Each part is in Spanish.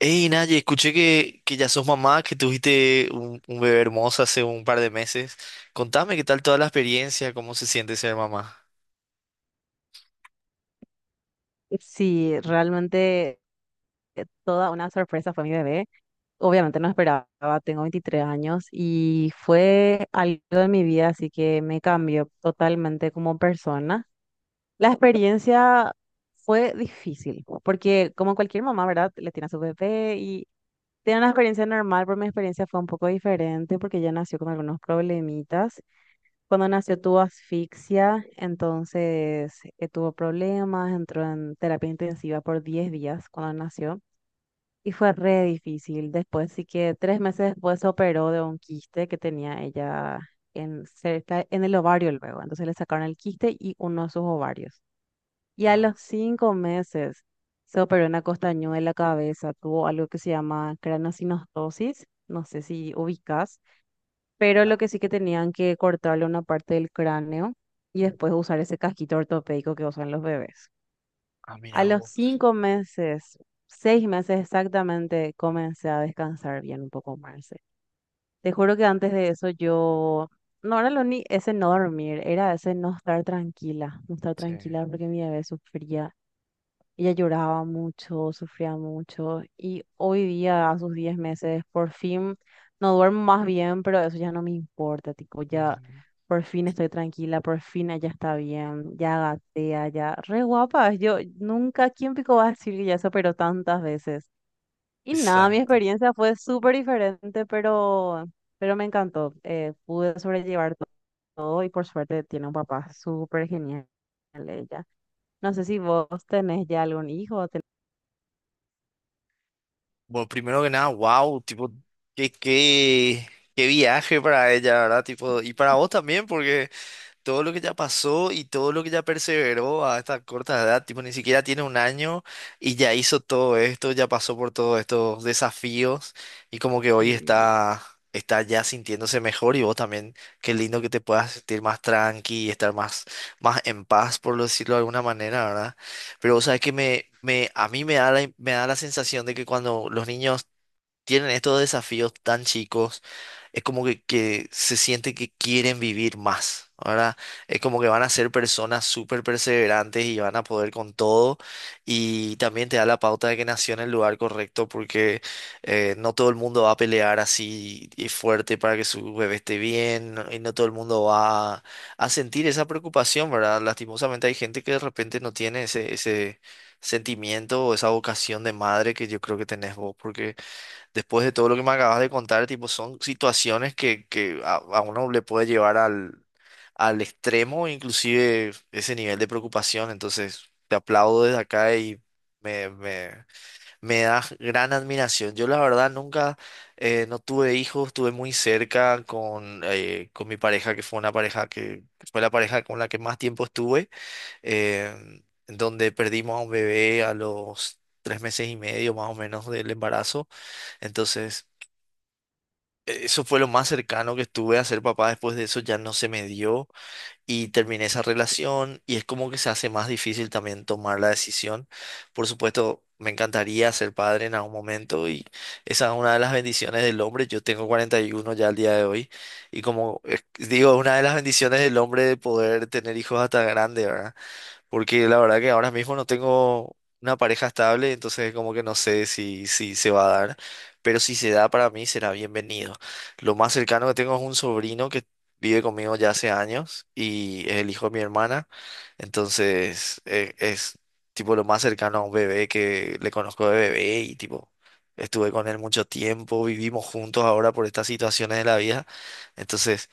Hey, Naye, escuché que ya sos mamá, que tuviste un bebé hermoso hace un par de meses. Contame qué tal toda la experiencia, cómo se siente ser mamá. Sí, realmente toda una sorpresa fue mi bebé. Obviamente no esperaba, tengo 23 años y fue algo de mi vida, así que me cambió totalmente como persona. La experiencia fue difícil, porque como cualquier mamá, ¿verdad? Le tiene a su bebé y tiene una experiencia normal, pero mi experiencia fue un poco diferente porque ella nació con algunos problemitas cuando nació tuvo asfixia, entonces tuvo problemas, entró en terapia intensiva por 10 días cuando nació y fue re difícil. Después, sí que 3 meses después se operó de un quiste que tenía ella en, cerca, en el ovario luego. Entonces le sacaron el quiste y uno de sus ovarios. Y a los Ah, 5 meses se operó una costañuela en la cabeza, tuvo algo que se llama craneosinostosis, no sé si ubicas, pero lo que sí que tenían que cortarle una parte del cráneo y después usar ese casquito ortopédico que usan los bebés. A Mira los vos. 5 meses, 6 meses exactamente, comencé a descansar bien un poco más. Te juro que antes de eso yo no era lo ni ese no dormir, era ese no estar tranquila, no estar Sí. tranquila porque mi bebé sufría, ella lloraba mucho, sufría mucho y hoy día, a sus 10 meses, por fin no duermo más bien, pero eso ya no me importa, tipo, ya Ujú. por fin estoy tranquila, por fin ella está bien, ya gatea, ya re guapa. Yo nunca, ¿quién pico va a decir que ya se operó tantas veces? Y nada, mi Exacto. experiencia fue súper diferente, pero me encantó. Pude sobrellevar todo y por suerte tiene un papá súper genial ella. No sé si vos tenés ya algún hijo. Bueno, primero que nada, wow, tipo, qué, qué, qué viaje para ella, ¿verdad? Tipo, y para vos también, porque todo lo que ya pasó y todo lo que ya perseveró a esta corta edad, tipo, ni siquiera tiene un año y ya hizo todo esto, ya pasó por todos estos desafíos y como que hoy Sí, está ya sintiéndose mejor y vos también, qué lindo que te puedas sentir más tranqui y estar más en paz, por lo decirlo de alguna manera, ¿verdad? Pero vos sabes que a mí me da me da la sensación de que cuando los niños tienen estos desafíos tan chicos, es como que se siente que quieren vivir más. Ahora es como que van a ser personas súper perseverantes y van a poder con todo. Y también te da la pauta de que nació en el lugar correcto porque no todo el mundo va a pelear así y fuerte para que su bebé esté bien y no todo el mundo va a sentir esa preocupación, ¿verdad? Lastimosamente hay gente que de repente no tiene ese sentimiento o esa vocación de madre que yo creo que tenés vos porque después de todo lo que me acabas de contar, tipo, son situaciones que a uno le puede llevar al extremo, inclusive ese nivel de preocupación. Entonces, te aplaudo desde acá y me, me, me das gran admiración. Yo la verdad nunca, no tuve hijos, estuve muy cerca con mi pareja, que fue una pareja que fue la pareja con la que más tiempo estuve, eh, donde perdimos a un bebé a los 3 meses y medio más o menos del embarazo. Entonces, eso fue lo más cercano que estuve a ser papá. Después de eso ya no se me dio y terminé esa relación y es como que se hace más difícil también tomar la decisión. Por supuesto, me encantaría ser padre en algún momento y esa es una de las bendiciones del hombre. Yo tengo 41 ya al día de hoy y como digo, una de las bendiciones del hombre de poder tener hijos hasta grande, ¿verdad? Porque la verdad que ahora mismo no tengo una pareja estable, entonces como que no sé si se va a dar, pero si se da para mí será bienvenido. Lo más cercano que tengo es un sobrino que vive conmigo ya hace años y es el hijo de mi hermana, entonces es tipo lo más cercano a un bebé que le conozco de bebé y tipo. Estuve con él mucho tiempo, vivimos juntos ahora por estas situaciones de la vida. Entonces,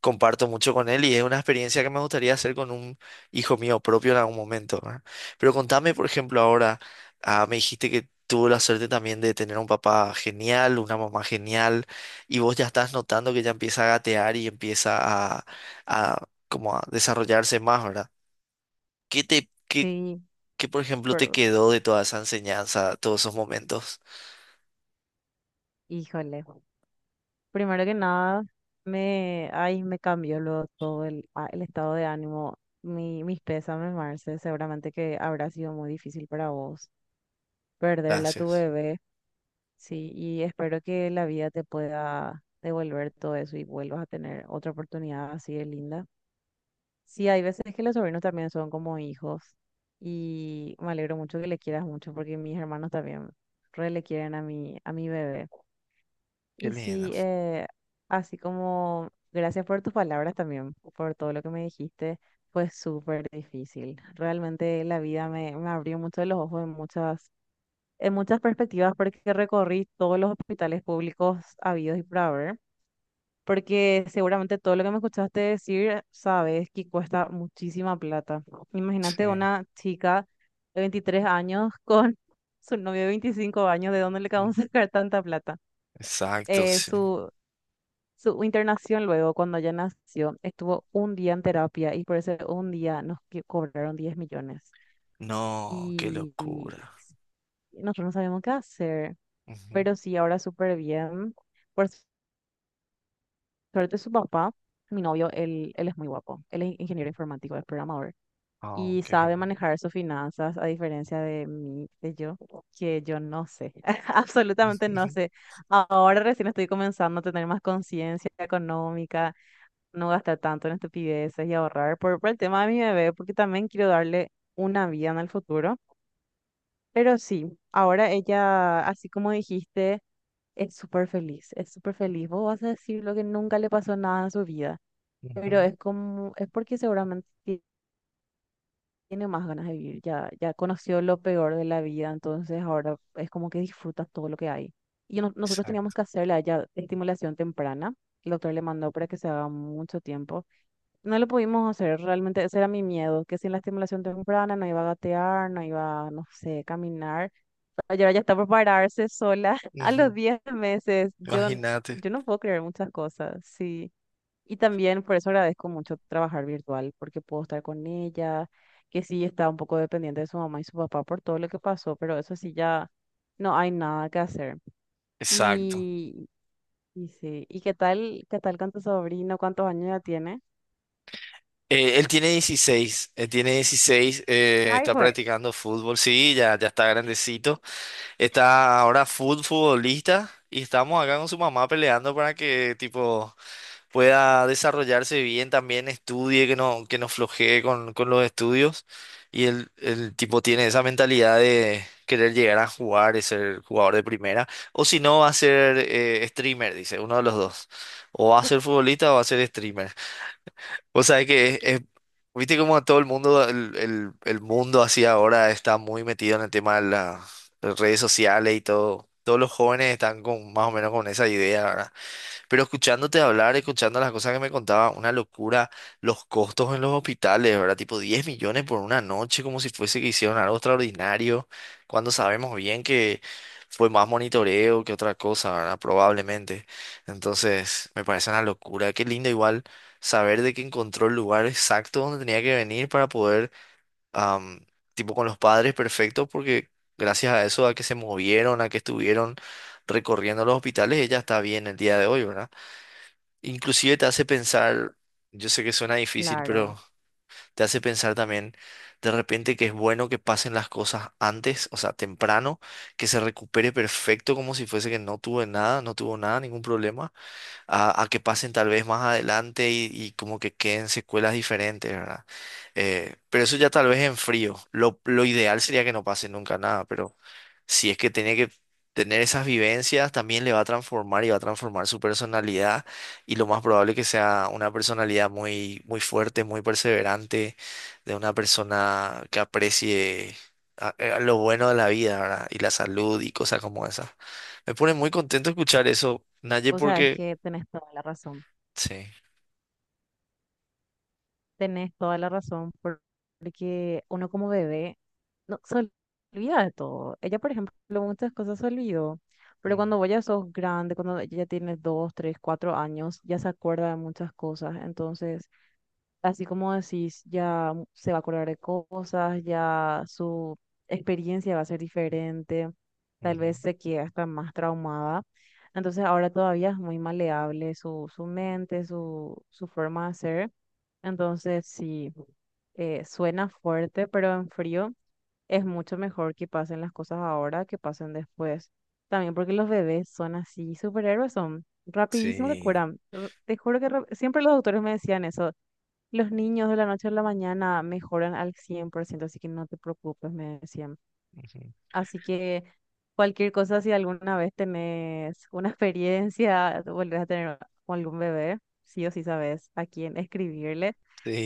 comparto mucho con él y es una experiencia que me gustaría hacer con un hijo mío propio en algún momento, ¿verdad? Pero contame, por ejemplo, ahora, me dijiste que tuvo la suerte también de tener un papá genial, una mamá genial, y vos ya estás notando que ya empieza a gatear y empieza a, a como a desarrollarse más, ¿verdad? ¿Qué te, sí, por ejemplo, te perdón. quedó de toda esa enseñanza, todos esos momentos? Híjole. Primero que nada, ay, me cambió luego todo el, el estado de ánimo. Mis pésames, Marce. Seguramente que habrá sido muy difícil para vos perderla a tu Gracias. bebé. Sí, y espero que la vida te pueda devolver todo eso y vuelvas a tener otra oportunidad así de linda. Sí, hay veces que los sobrinos también son como hijos y me alegro mucho que le quieras mucho porque mis hermanos también re le quieren a mi bebé. Qué Y lindo. sí, así como gracias por tus palabras también, por todo lo que me dijiste, fue súper difícil. Realmente la vida me abrió mucho los ojos en muchas perspectivas porque recorrí todos los hospitales públicos habidos y por haber, porque seguramente todo lo que me escuchaste decir, sabes que cuesta muchísima plata. Imagínate Sí. una chica de 23 años con su novio de 25 años, ¿de dónde le Mm, acabamos de sacar tanta plata? exacto, eh, sí. su su internación luego, cuando ella nació, estuvo un día en terapia y por ese un día nos cobraron 10 millones. No, qué Y, y locura. s- Nosotros no sabemos qué hacer, Ujú. pero sí, ahora súper bien. Por suerte, su papá, mi novio, él es muy guapo. Él es ingeniero informático, es programador Oh, y qué sabe genial. manejar sus finanzas, a diferencia de mí, de yo, que yo no sé, absolutamente no sé. Ahora recién estoy comenzando a tener más conciencia económica, no gastar tanto en estupideces y ahorrar por el tema de mi bebé, porque también quiero darle una vida en el futuro. Pero sí, ahora ella, así como dijiste, es súper feliz, es súper feliz. Vos vas a decir lo que nunca le pasó nada en su vida, pero Ujú, es como, es porque seguramente tiene más ganas de vivir, ya, ya conoció lo peor de la vida, entonces ahora es como que disfruta todo lo que hay. Y nosotros teníamos exacto. que hacerle a ella estimulación temprana. El doctor le mandó para que se haga mucho tiempo. No lo pudimos hacer, realmente ese era mi miedo, que sin la estimulación temprana no iba a gatear, no iba, no sé, caminar. Ayer ya está por pararse sola a Ujú. los 10 meses. Yo, n- Imagínate. yo no puedo creer muchas cosas, sí. Y también por eso agradezco mucho trabajar virtual, porque puedo estar con ella, que sí está un poco dependiente de su mamá y su papá por todo lo que pasó, pero eso sí ya no hay nada que hacer. Exacto. Y, y sí, ¿y qué tal con tu sobrino? ¿Cuántos años ya tiene? Él tiene 16 él tiene dieciséis Ay, Está fue. practicando fútbol, sí, ya está grandecito, está ahora futbolista y estamos acá con su mamá peleando para que tipo pueda desarrollarse bien, también estudie, que no flojee con los estudios. Y el tipo tiene esa mentalidad de querer llegar a jugar y ser jugador de primera. O si no, va a ser streamer, dice, uno de los dos. O va a ser futbolista o va a ser streamer. O sea, que viste como todo el mundo, el mundo así ahora está muy metido en el tema de las redes sociales y todo. Todos los jóvenes están con más o menos con esa idea, ¿verdad? Pero escuchándote hablar, escuchando las cosas que me contaba, una locura, los costos en los hospitales, ¿verdad? Tipo 10 millones por una noche, como si fuese que hicieron algo extraordinario, cuando sabemos bien que fue más monitoreo que otra cosa, ¿verdad? Probablemente. Entonces, me parece una locura. Qué lindo igual saber de que encontró el lugar exacto donde tenía que venir para poder, am, tipo con los padres perfectos, porque gracias a eso, a que se movieron, a que estuvieron recorriendo los hospitales, ella está bien el día de hoy, ¿verdad? Inclusive te hace pensar, yo sé que suena difícil, Claro. pero te hace pensar también de repente que es bueno que pasen las cosas antes, o sea, temprano, que se recupere perfecto como si fuese que no tuve nada, no tuvo nada, ningún problema a que pasen tal vez más adelante y como que queden secuelas diferentes, ¿verdad? Pero eso ya tal vez en frío. Lo ideal sería que no pase nunca nada, pero si es que tiene que tener esas vivencias, también le va a transformar y va a transformar su personalidad y lo más probable que sea una personalidad muy fuerte, muy perseverante, de una persona que aprecie a lo bueno de la vida, ¿verdad? Y la salud y cosas como esas. Me pone muy contento escuchar eso, Naye, O sea, es porque que tenés toda la razón. sí, Tenés toda la razón porque uno como bebé no se olvida de todo. Ella, por ejemplo, muchas cosas se olvidó, pero mm, cuando vos ya sos grande, cuando ella ya tienes 2, 3, 4 años, ya se acuerda de muchas cosas. Entonces, así como decís, ya se va a acordar de cosas, ya su experiencia va a ser diferente, tal ujú, vez se quede hasta más traumada. Entonces ahora todavía es muy maleable su mente, su forma de ser. Entonces sí, suena fuerte, pero en frío es mucho mejor que pasen las cosas ahora que pasen después. También porque los bebés son así, superhéroes son, rapidísimo se sí, curan. Te juro que siempre los doctores me decían eso. Los niños de la noche a la mañana mejoran al 100%, así que no te preocupes, me decían. ujú, Así que cualquier cosa, si alguna vez tenés una experiencia, volvés a tener con algún bebé, sí o sí sabes a quién escribirle,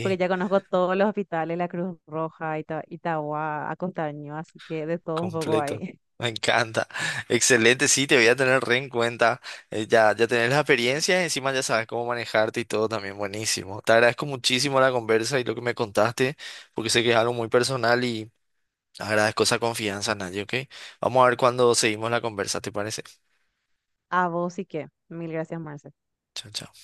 porque ya conozco todos los hospitales, la Cruz Roja, Ita- Itagua, Acostaño, así que de todo un poco completo. ahí. Me encanta. Excelente, sí, te voy a tener re en cuenta. Ya tenés la experiencia y encima ya sabes cómo manejarte y todo también buenísimo. Te agradezco muchísimo la conversa y lo que me contaste, porque sé que es algo muy personal y agradezco esa confianza, Naye, ¿ok? Vamos a ver cuando seguimos la conversa, ¿te parece? A vos y que. Mil gracias, Marce. Chao, chao.